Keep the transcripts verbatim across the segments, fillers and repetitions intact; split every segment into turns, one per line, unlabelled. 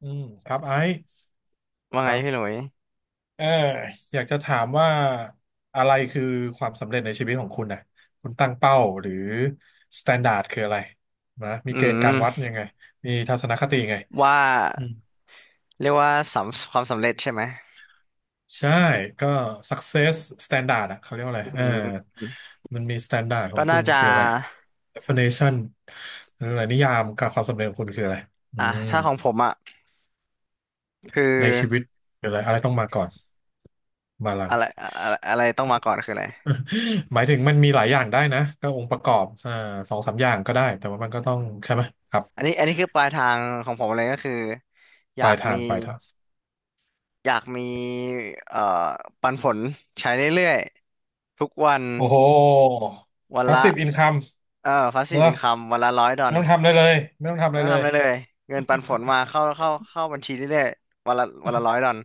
อืมครับไอซ์
ว่า
ค
ไง
รั
พี่หลุ
บ
ย
เอออยากจะถามว่าอะไรคือความสำเร็จในชีวิตของคุณนะคุณตั้งเป้าหรือสแตนดาร์ดคืออะไรนะมี
อื
เกณฑ์กา
ม
รวัดยังไงมีทัศนคติยังไง
ว่า
อืม
เรียกว่าสำความสำเร็จใช่ไหม
ใช่ก็ success standard อะเขาเรียกว่าอะไร
อื
เออ
ม
มันมี standard ขอ
ก็
งคุ
น่า
ณ
จะ
คืออะไร definition หรืออะไรนิยามกับความสำเร็จของคุณคืออะไรอื
อ่ะ
ม
ถ้าของผมอ่ะคือ
ในชีวิตคืออะไรอะไรต้องมาก่อนมาหลัง
อะไรอะไรอะไรต้องมาก่อนคืออะไร
หมายถึงมันมีหลายอย่างได้นะก็องค์ประกอบอ่าสองสามอย่างก็ได้แต่ว่ามันก็ต้องใช่ไหมครับ
อันนี้อันนี้คือปลายทางของผมเลยก็คืออ
ป
ยา
ลาย
ก
ทา
มี
งปลายทาง
อยากมีเอ่อปันผลใช้เรื่อยๆทุกวัน
โอ้โห
วันละ
passive income
เออพาสซี
เน
ฟ
อะ
อินคัมวันละร้อยดอ
ไม่
ล
ต้องทำอะไรเลยไม่ต้องทำอะ
ไม่
ไร
ต้อง
เล
ทำ
ย
อะไรเลยเงินปันผลมาเข้าเข้าเข้าบัญชีเรื่อยๆวันละวันละร้อยดอล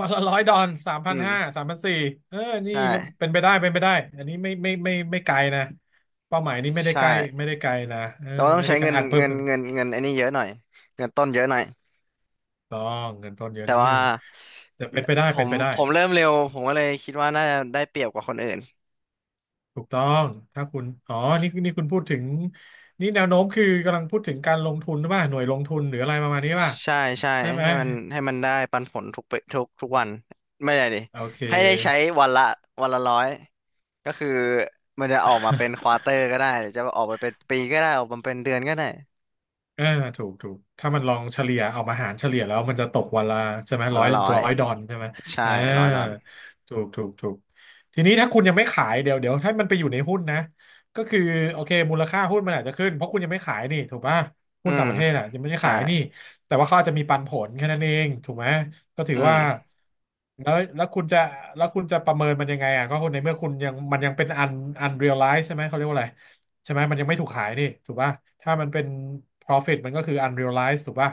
วันละร้อยดอนสาม
อื
พันห้า
ม
สามพันสี่เออ
ใช
นี่ก็
่
เป็นไปได้เป็นไปได้อันนี้ไม่ไม่ไม่ไม่ไกลนะเป้าหมายนี้ไม่ได้
ใช่
ใกล้ไม่ได้ไกลนะเออ
แต่ว่าต้อง
ไม่
ใช้
ได้ไกล
เงิน
อาจเพิ่
เงิ
ม
นเงินเงินไอ้นี่เยอะหน่อยเงินต้นเยอะหน่อย
ต้องเงินต้นเยอะ
แต่
นิดนึ
ว่า
งแต่เป็นไปได้
ผ
เป็น
ม
ไปได้
ผมเริ่มเร็วผมก็เลยคิดว่าน่าจะได้เปรียบกว่าคนอื่น
ถูกต้องถ้าคุณ อ๋อนี่นี่คุณพูดถึง นี่แนวโน้มคือกำลังพูดถึงการลงทุนหรือเปล่าหน่วยลงทุนหรืออะไรประมาณนี้ป่ะ
ใช่ใช่
ได้ไหม
ให้มันให้มันได้ปันผลทุกปทุกทุกวันไม่ได้ดิ
โอเค
ให้ได้ใช้วันละวันละร้อยก็คือมันจะออกมาเป็นควอเตอร์ก็ได้หรือจะออกไปเป็นปีก็ได้ออกมาเป็นเดือนก็ได้
เออถูกถูกถ้ามันลองเฉลี่ยเอามาหารเฉลี่ยแล้วมันจะตกวันละใช่ไหม
วัน
ร้อย
ละร้อย
ร้อยดอลใช่ไหม
ใช่
เออ
ร้อยดอล
ถูกถูกถูกทีนี้ถ้าคุณยังไม่ขายเดี๋ยวเดี๋ยวถ้ามันไปอยู่ในหุ้นนะก็คือโอเคมูลค่าหุ้นมันอาจจะขึ้นเพราะคุณยังไม่ขายนี่ถูกป่ะ
อื
หุ้นต่า
ม
งประเทศอ่ะยังไม่ได้
ใช่
ขายนี่แต่ว่าเขาอาจจะมีปันผลแค่นั้นเองถูกไหมก็ถื
อื
อว่า
ม
แล้วแล้วคุณจะแล้วคุณจะประเมินมันยังไงอ่ะก็คนในเมื่อคุณยังมันยังเป็นอันอันเรียลไลซ์ใช่ไหมเขาเรียกว่าอะไร ใช่ไหมมันยังไม่ถูกขายนี่ถูกป่ะถ้ามันเป็น profit มันก็คือ unrealized ถูกป่ะ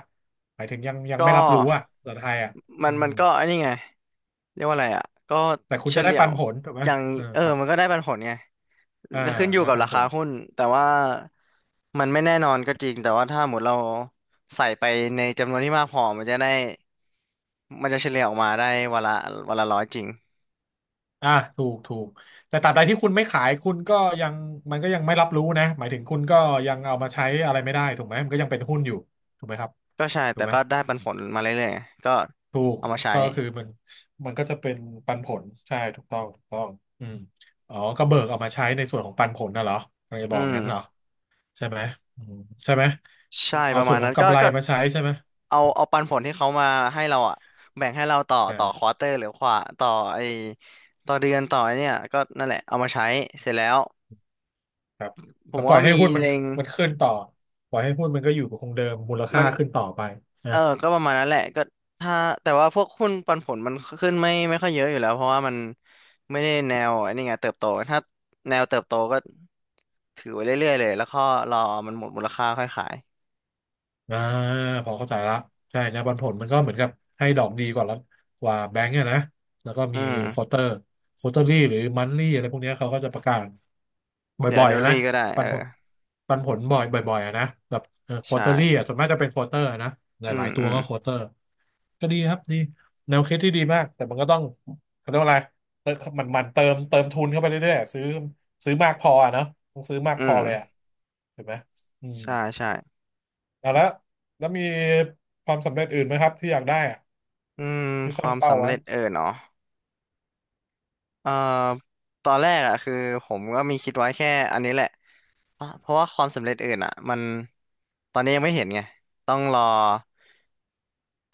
หมายถึงยังยัง
ก็
ไม่รับรู้อ่ะภาษาไทยอ่ะ
มั
อื
นมั
ม
นก็ไอันนี้ไง เรียกว่าอะไรอ่ะก็
แต่คุณ
เฉ
จะได้
ลี่ย
ปั
ว
นผลถูกไหม
อย่าง
เออ
เออ
ครับ
มันก็ได้ปันผลไง
อ่า
ขึ้นอยู่
ได้
กับ
ปัน
รา
ผ
คา
ล
หุ้น แต่ว่ามันไม่แน่นอนก็จริง แต่ว่าถ้าหมดเราใส่ไปในจำนวนที่มากพอมันจะได้ มันจะเฉลี่ยออกมาได้วันละวันละร้อยจริง
อ่าถูกถูกแต่ตราบใดที่คุณไม่ขายคุณก็ยังมันก็ยังไม่รับรู้นะหมายถึงคุณก็ยังเอามาใช้อะไรไม่ได้ถูกไหมมันก็ยังเป็นหุ้นอยู่ถูกไหมครับ
ก็ใช่
ถู
แต่
กไหม
ก็ได้ปันผลมาเรื่อยๆไงก็
ถูก
เอามาใช้
ก็คือมันมันก็จะเป็นปันผลใช่ถูกต้องถูกต้องอืมอ๋อก็เบิกเอามาใช้ในส่วนของปันผลน่ะเหรอกำลังจะ
อื
บอก
ม
งั้นเหรอ ใช่ไหมอืมใช่ไหม
ใช่
เอา
ประ
ส่
มา
วน
ณ
ขอ
นั้
ง
นก็
กำไร
ก็
มาใช้ใช่ไหม
เอาเอาปันผลที่เขามาให้เราอ่ะแบ่งให้เราต่อต่อควอ
อ่า
เตอร์หรือขวาต่อไอต่อเดือนต่อไอ้เนี่ยก็นั่นแหละเอามาใช้เสร็จแล้ว
ครับ
ผ
แล้
ม
วปล่
ว่า
อยให้
มี
หุ้นมัน
เล็ง
มันขึ้นต่อปล่อยให้หุ้นมันก็อยู่คงเดิมมูล
มั
ค่า
น
ขึ้นต่อไป
เอ
นะ
อก็ประมาณนั้นแหละก็ถ้าแต่ว่าพวกหุ้นปันผลมันขึ้นไม่ไม่ค่อยเยอะอยู่แล้วเพราะว่ามันไม่ได้แนวไอ้นี่ไงเติบโตถ้าแนวเติบโตก็ถือไว้เรื่อยๆเลยแล้วก็รอมันหมดมูลค่าค่อยขาย
อ่าพอเข้าใจละใช่นะปันผลมันก็เหมือนกับให้ดอกดีกว่าละกว่าแบงก์อะนะแล้วก็
อื
มีควอ
ม
เตอร์ควอเตอรี่หรือมันลี่อะไรพวกเนี้ยเขาก็จะประกาศ
เดี๋ยว
บ่อยๆอะนะ
annually ก็ได้
ปั
เอ
น
อ
ผลปันผลบ่อยบ่อยๆอะนะแบบเออควอ
ใช่
เตอรี่อะส่วนมากจะเป็นควอเตอร์นะห
อืม
ลายๆตั
อื
ว
ม
ก็ควอเตอร์ก็ดีครับดีแนวคิดที่ดีมากแต่มันก็ต้องเขาเรียกว่าอะไรเติมมันมันเติมเติมทุนเข้าไปเรื่อยๆซื้อซื้อมากพออะเนาะต้องซื้อมาก
อื
พอ
ม
เลยอะถูกไหมอืม
ใช่ใช่
อ่ะแล้วแล้วมีความสำเร็จอื่นไหมครับที่อยากได้อะ
อืม
ที่
ค
ตั้
วา
ง
ม
เป้า
สำ
ไว้
เร็จเออเนาะเอ่อตอนแรกอ่ะคือผมก็มีคิดไว้แค่อันนี้แหละ อ่ะเพราะว่าความสำเร็จอื่นอ่ะมันตอนนี้ยังไม่เห็นไงต้องรอ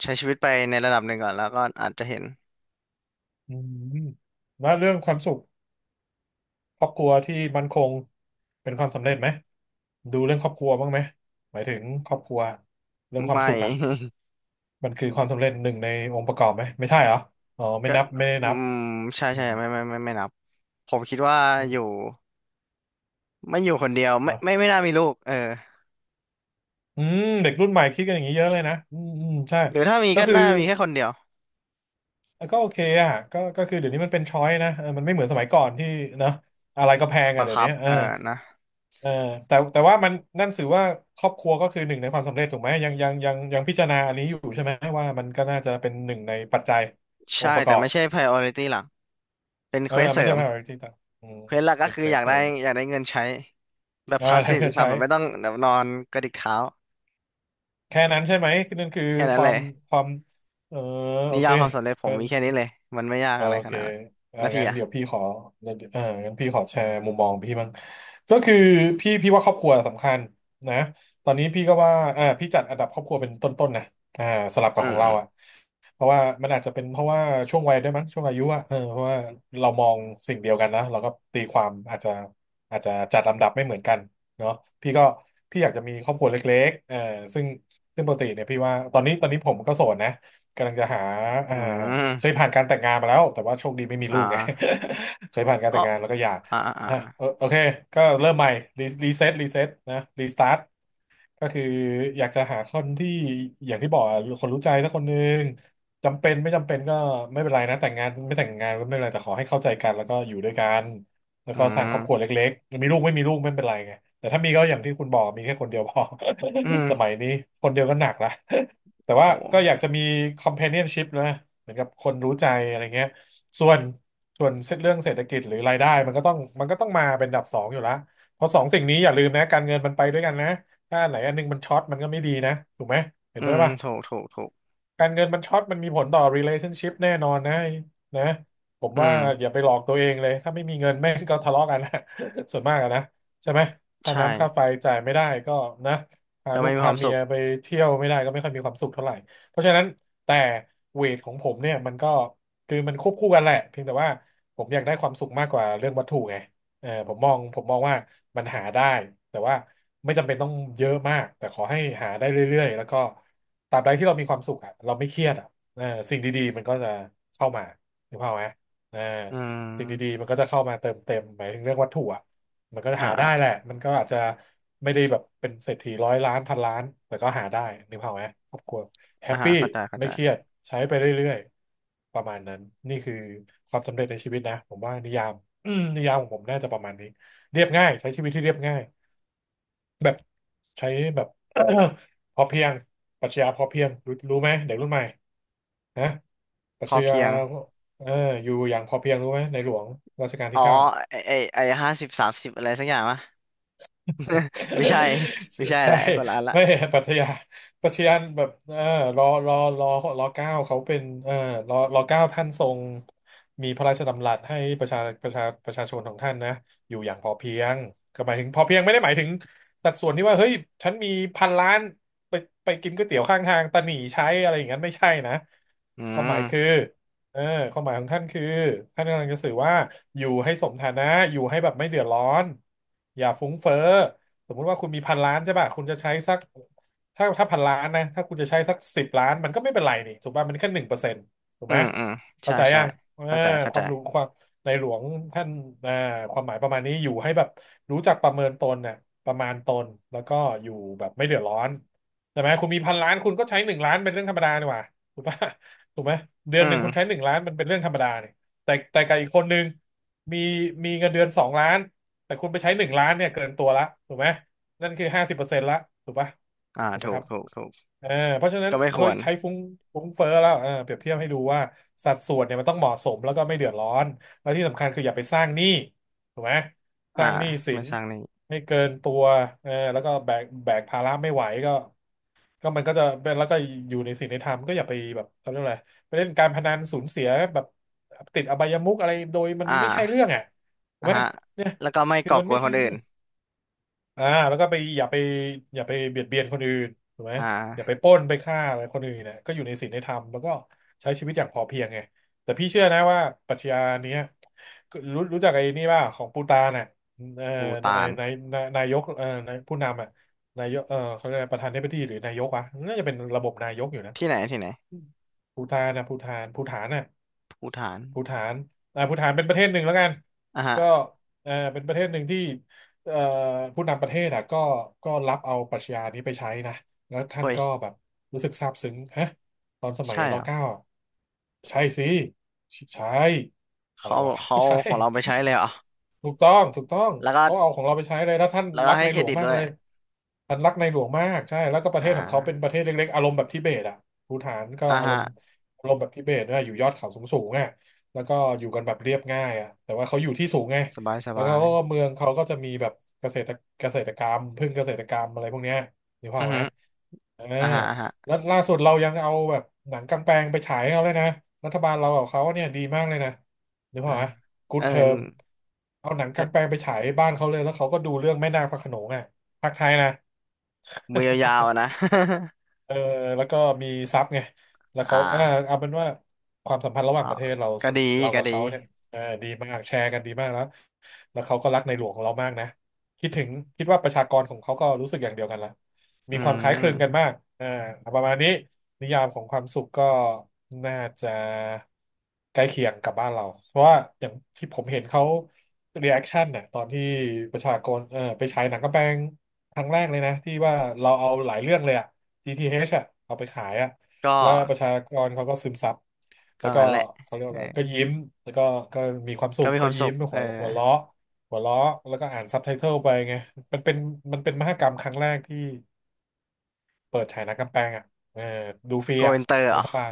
ใช้ชีวิตไปในระดับหนึ่งก่อนแล้วก็อาจจะเห็น
อืมแล้วเรื่องความสุขครอบครัวที่มั่นคงเป็นความสำเร็จไหมดูเรื่องครอบครัวบ้างไหมหมายถึงครอบครัวเรื่องความ
ไม่
สุขอ่ะมันคือความสำเร็จหนึ่งในองค์ประกอบไหมไม่ใช่เหรออ๋อ ไม่
ก็
นับไม่ได้
อื
นับ
มใช่
อื
ใช่
ม
ไม่ไม่ไม่ไม่นับผมคิดว่า
อื
อยู่
ม
ไม่อยู่คนเดียวไม่ไม่
อ่ะ
ไม่น่ามีลูกเออ
อืมเด็กรุ่นใหม่คิดกันอย่างนี้เยอะเลยนะอืมอืมใช่
หรือถ้ามี
ก็
ก็
คือ
น่ามีแค่คนเดียว
ก็โอเคอ่ะก็ก็คือเดี๋ยวนี้มันเป็นช้อยนะเออมันไม่เหมือนสมัยก่อนที่เนอะอะไรก็แพง
บั
อ่ะ
ง
เดี๋ยว
คั
นี้
บ
เออ
เออนะ
เออแต่แต่ว่ามันนั่นถือว่าครอบครัวก็คือหนึ่งในความสำเร็จถูกไหมยังยังยังยังพิจารณาอันนี้อยู่ใช่ไหมว่ามันก็น่าจะเป็นหนึ่งในปัจจัยอ
ใช่
งค์ประก
แต่
อบ
ไม่ใช่ priority หลักเป็น
เอ
เค
อ
วสเส
ไม่
ริ
ใช่
ม
ไม่ใช่ที่ต่างอืม
เควสหลักก็
เป็น
คือ
เคว
อ
ส
ยาก
เส
ได้
ริม
อยากได้เงินใช้แบบ
อ่า อะไร
passive
ก็
income
ใช้
แบบไม่ต้องแบบนอนกระดิกเท้า
แค่นั้นใช่ไหมนั่นคือ
แค่นั้
ค
น
วา
เล
ม
ย
ความเออโอ
นิ
เค
ยามความสำเร็จผมมีแค่นี้เลยมันไม่ยาก
โอ
อะไรข
เค
นาดนั้น
อ่า
แล้วพี่
งั้น
อ่ะ
เดี๋ยวพี่ขอเอองั้นพี่ขอแชร์มุมมองพี่บ้างก็คือพี่พี่ว่าครอบครัวสำคัญนะตอนนี้พี่ก็ว่าอ่าพี่จัดอันดับครอบครัวเป็นต้นๆนะอ่าสลับกั
อื
บขอ
ม
ง
อื
เรา
ม
อ่ะเพราะว่ามันอาจจะเป็นเพราะว่าช่วงวัยด้วยมั้งช่วงอายุอ่ะเออเพราะว่าเรามองสิ่งเดียวกันนะเราก็ตีความอาจจะอาจจะจัดลำดับไม่เหมือนกันเนาะพี่ก็พี่อยากจะมีครอบครัวเล็กๆเออซึ่งซึ่งปกติเนี่ยพี่ว่าตอนนี้ตอนนี้ผมก็โสดนะกำลังจะหาเอ่
อื
อ เคย
ม
ผ่านการแต่งงานมาแล้วแต่ว่าโชคดีไม่มี
อ่
ลูกไง
า
เคยผ่านการ
อ๋อ
แต่งงานแล้วก็หย่า
อ่าอ่า
นะ
อา
เออโอเคก็เริ่มใหม่รีรีเซ็ตรีเซ็ตนะรีสตาร์ท ก็คืออยากจะหาคนที่อย่างที่บอกอะคนรู้ใจสักคนหนึ่งจำเป็นไม่จำเป็นก็ไม่เป็นไรนะแต่งงานไม่แต่งงานก็ไม่เป็นไรแต่ขอให้เข้าใจกันแล้วก็อยู่ด้วยกันแล้ว
อื
ก็สร้างคร
ม
อบครัวเล็กๆมีลูกไม่มีลูกไม่เป็นไรไงแต่ถ้ามีก็อย่างที่คุณบอกมีแค่คนเดียวพอ
อืม
สมัยนี้คนเดียวก็หนักละแต่ว่า
โห
ก็อยากจะมี companionship นะเหมือนกับคนรู้ใจอะไรเงี้ยส่วนส่วนเรื่องเศรษฐกิจหรือรายได้มันก็ต้องมันก็ต้องมาเป็นอันดับสองอยู่แล้วเพราะสองสิ่งนี้อย่าลืมนะการเงินมันไปด้วยกันนะ ถ้าอันไหนอันหนึงมันช็อตมันก็ไม่ดีนะถูกไหมเห็
อื
นด้วย
ม
ป่ะ
ถูกถูกถูก
การเงินมันช็อตมันมีผลต่อ relationship แน่นอนนะนะผม
อื
ว่า
ม
อย่าไปหลอกตัวเองเลยถ้าไม่มีเงินแม่งก็ทะเลาะกันนะ ส่วนมากอะนะใช่ไหมค่า
ใช่
น้ำค่าไฟจ่ายไม่ได้ก็นะพา
ก็
ลู
ไม่
ก
มีค
พา
วาม
เมี
สุ
ย
ข
ไปเที่ยวไม่ได้ก็ไม่ค่อยมีความสุขเท่าไหร่เพราะฉะนั้นแต่เวทของผมเนี่ยมันก็คือมันควบคู่กันแหละเพียงแต่ว่าผมอยากได้ความสุขมากกว่าเรื่องวัตถุไง เออผมมองผมมองว่ามันหาได้แต่ว่าไม่จำเป็นต้องเยอะมากแต่ขอให้หาได้เรื่อยๆแล้วก็ตราบใดที่เรามีความสุขอะเราไม่เครียดอะเออสิ่งดีๆมันก็จะเข้ามาถูกเปล่าพไหมเออ
อื
สิ่งดี
ม
ๆมันก็จะเข้ามาเติมเต็มหมายถึงเรื่องวัตถุอะมันก็จะ
อ่า
หา
อ่า
ได้แหละมันก็อาจจะไม่ได้แบบเป็นเศรษฐีร้อยล้านพันล้านแต่ก็หาได้นึกภาพไหมครอบครัวแฮ
อ่า
ปปี้
เข้าใจเข้า
ไม่
ใจ
เครียดใช้ไปเรื่อยๆประมาณนั้นนี่คือความสำเร็จในชีวิตนะผมว่านิยาม อืมนิยามของผมน่าจะประมาณนี้เรียบง่ายใช้ชีวิตที่เรียบง่ายแบบใช้แบบ พอเพียงปรัชญาพอเพียงรู้รู้ไหมเด็กรุ่นใหม่นะปรั
พ
ช
อ
ญา
เพียง
เอออยู่อย่างพอเพียงรู้ไหมในหลวงรัชกาล
อ๋
ที่
อ
เก้า
ไอไอไอห้าสิบสามสิบอะไรสักอย่างวะ ไม่ใช่ ไม่ใช่แห
ใช่
ละคนละอันละ
ไม่ปรัชญาปรัชญาแบบเออรอรอรอรอเก้าเขาเป็นเออรอรอเก้าท่านทรงมีพระราชดำรัสให้ประชาประชาประชาชนของท่านนะอยู่อย่างพอเพียงก็หมายถึงพอเพียงไม่ได้หมายถึงสัดส่วนที่ว่าเฮ้ยฉันมีพันล้านไปไปกินก๋วยเตี๋ยวข้างทางตะหนี่ใช้อะไรอย่างนั้นไม่ใช่นะ
อื
ความหมายคือ
ม
เออความหมายของท่านคือท่านกำลังจะสื่อว่าอยู่ให้สมฐานะอยู่ให้แบบไม่เดือดร้อนอย่าฟุ้งเฟ้อ สมมุติว่าคุณมีพันล้านใช่ป่ะคุณจะใช้สักถ้าถ้าพันล้านนะถ้าคุณจะใช้สักสิบล้านมันก็ไม่เป็นไรนี่ถูกป่ะมันแค่หนึ่งเปอร์เซ็นต์ถูก
อื
ไหม
มอืม
เข้า
ใช่
ใจ
ใช่
ยังเออ
เข้าใจเข้า
ค
ใจ
วามรู้ความในหลวงท่านเอ่อความหมายประมาณนี้อยู่ให้แบบรู้จักประเมินตนน่ะประมาณตนแล้วก็อยู่แบบไม่เดือดร้อนใช่ไหมคุณมีพันล้านคุณก็ใช้หนึ่งล้านเป็นเรื่องธรรมดานี่หว่าถูกป่ะถูกไหมเดือ
อื
นหนึ่ง
ม
คุณใช้หนึ่งล้านมันเป็นเรื่องธรรมดาเนี่ยแต่แต่กับอีกคนนึงมีมีเงินเดือนสองล้าน แต่คุณไปใช้หนึ่งล้านเนี่ยเกินตัวละถูกไหมนั่นคือห้าสิบเปอร์เซ็นต์ละถูกปะ
อ่า
ถูกไหม
ถู
ค
ก
รับ
ถูกถูก
เออเพราะฉะนั้น
ก็ไม่ค
เฮ้
ว
ย
ร
ใช้ฟุ้งฟุ้งเฟ้อแล้วเออเปรียบเทียบให้ดูว่าสัดส่วนเนี่ยมันต้องเหมาะสมแล้วก็ไม่เดือดร้อนแล้วที่สำคัญคืออย่าไปสร้างหนี้ถูกไหมส
อ่า
ร้างหนี้สิ
ไม่
น
สร้างหนี้
ให้เกินตัวเออแล้วก็แบกแบกภาระไม่ไหวก็ ก็มันก็จะเป็นแล้วก็อยู่ในสิ่งในธรรมก็อย่าไปแบบเขาเรียกอะไรไปเล่นการพนันสูญเสียแบบติดอบายมุขอะไรโดยมัน
อ่
ไม่ใช่เรื่อ
า
งอ่ะถูก
อ่ะ
ไหม
ฮะ
เนี่ย
แล้วก็ไม่
คือ
ก่อ
มั
ก
น
ว
ไม่
นค
ใช่
นอื่
เรื่
น
อง อ่าแล้วก็ไปอย่าไปอย่าไปเบียดเบียนคนอื่นถูกไหม
อ่
อย่าไป
า
ปล้นไปฆ่าอะไรคนอื่นเนี่ยก็อยู่ในศีลในธรรมแล้วก็ใช้ชีวิตอย่างพอเพียงไงแต่พี่เชื่อนะว่าปรัชญาเนี้ยรู้รู้จักไอ้นี่ป่ะของปูตานน่ะเอ่อ
ภู
ไอ้
ฏาน
นายนายนายกเอ่อนายผู้นำอ่ะนายกเอ่อเขาเรียกอะไรประธานาธิบดีหรือนายกวะน่าจะเป็นระบบนายกอยู่นะ
ที่ไหนที่ไหน
ปูตานนะปูตานปูฐานน่ะ
ภูฏาน
ภูฏานอ่าภูฏานเป็นประเทศหนึ่งแล้วกัน
อ่ะฮะ
ก็เอ่อเป็นประเทศหนึ่งที่เอ่อผู้นำประเทศอ่ะก็ก็รับเอาปรัชญานี้ไปใช้นะแล้วท่าน
เฮ้ย
ก็แบบรู้สึกซาบซึ้งฮะตอนสมัย
ใช่
ร
เหรอ
เก้าอะใช่สิใช่อะไร
เขา
วะ
เขา
ใช่
เอาของเราไปใช้เลยเหรอ
ถูกต้องถูกต้อง
แล้วก็
เขาเอาของเราไปใช้เลยแล้วท่าน
แล้วก็
รัก
ให้
ใน
เค
หล
ร
วง
ดิต
มาก
ด้วย
เลยท่านรักในหลวงมากใช่แล้วก็ประ
อ่
เทศของเขาเป็นป
า
ระเทศเล็กๆอารมณ์แบบทิเบตอ่ะภูฏานก็
อ่ะ
อาร
ฮะ
มณ์อารมณ์แบบทิเบตนะอยู่ยอดเขาสูงๆอ่ะ แล้วก็อยู่กันแบบเรียบง่ายอ่ะแต่ว่าเขาอยู่ที่สูงไง
สบายส
แล้ว
บา
เขา
ย
ก็เมืองเขาก็จะมีแบบเกษตรเกษตรกรรมพึ่งเกษตรกรรมอะไรพวกเนี้ยนึก
อื
ภา
อ
พไห
ฮึ
มเออ
อ่ะฮะอ่ะฮะ
แล้วล่าสุดเรายังเอาแบบหนังกางแปลงไปฉายให้เขาเลยนะรัฐบาลเรากับเขาเนี่ยดีมากเลยนะนึก
อ่า
ภาพไหมกู๊
เอ
ด
อ
เทอมเอาหนัง
ก็
กางแปลงไปฉายบ้านเขาเลยแล้วเขาก็ดูเรื่องแม่นาคพระโขนงอ่ะภาคไทยนะ
มือยาวๆอะนะ
เออแล้วก็มีซับไงแล้ ว
อ่า
เขาอ่าเอาเป็นว่าความสัมพันธ์ระหว่า
ก็
งประเทศเรา
ก็ดี
เรา
ก็
กับ
ดี
เขาเนี่ยเออดีมากแชร์กันดีมากแล้วแล้วเขาก็รักในหลวงของเรามากนะคิดถึงคิดว่าประชากรของเขาก็รู้สึกอย่างเดียวกันละมี
อื
ความคล้ายคลึงกัน
ม
มากอ่าประมาณนี้นิยามของความสุขก็น่าจะใกล้เคียงกับบ้านเราเพราะว่าอย่างที่ผมเห็นเขารีแอคชั่นน่ะตอนที่ประชากรเออไปฉายหนังกำแพงครั้งแรกเลยนะที่ว่าเราเอาหลายเรื่องเลยอะ จี ที เอช อชอ่ะเอาไปขายอ่ะ
ก็
แล้วประชากรเขาก็ซึมซับ
ก็
แล้วก็
งั้นแหละ
เขาเรียก
เอ
ว่า
อ
อะไรก็ยิ้มแล้วก็ก็มีความสุ
ก็
ข
มีค
ก็
วามสุ
ยิ้
ข
ม
เอ
หั
อ
วหัวเราะหัวเราะแล้วก็อ่านซับไตเติลไปไงมันเป็นมันเป็นมหกรรมครั้งแรกที่เปิดฉายหนังกลางแปลงอ่ะเออดูฟรี
โก
อ่ะ
อินเตอร์เหร
รั
อ
ฐบาล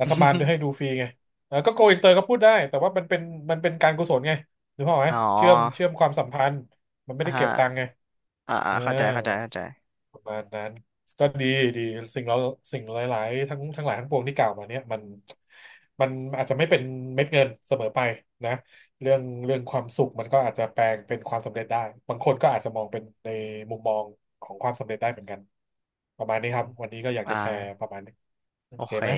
รัฐบาล ด้วยให้ดูฟรีไงแล้วก็โกอินเตอร์ก็พูดได้ แต่ว่ามันเป็นมันเป็นการกุศลไงนึกภาพออกไหม
อ๋
เชื่อมเชื่
อ
อมความสัมพันธ์ มันไม่
อ่ะ
ได้เก็บตัง
ฮะ
ค์ไง
อ่าอ่า
เออ
เข้าใจเข้าใจเข้าใจ
ประมาณนั้นก็ดีดีสิ่งเราสิ่งหลายๆทั้งทั้งหลายทั้งปวงที่กล่าวมาเนี่ยมันมันอาจจะไม่เป็นเม็ดเงินเสมอไปนะเรื่องเรื่องความสุขมันก็อาจจะแปลงเป็นความสำเร็จได้บางคนก็อาจจะมองเป็นในมุมมองของความสำเร็จได้เหมือนกันประมาณนี้
อื
ครับ
ม
วันนี้ก็อยาก
อ่า
จะแชร์ประมาณนี้โอ
โอ
เค
เค
ไหม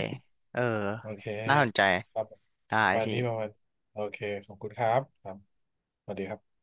เออ
โอเค
น่าสนใจ
ครับ
ได้
ประมาณ
พี่
นี้ประมาณโอเคขอบคุณครับครับสวัสดีครับ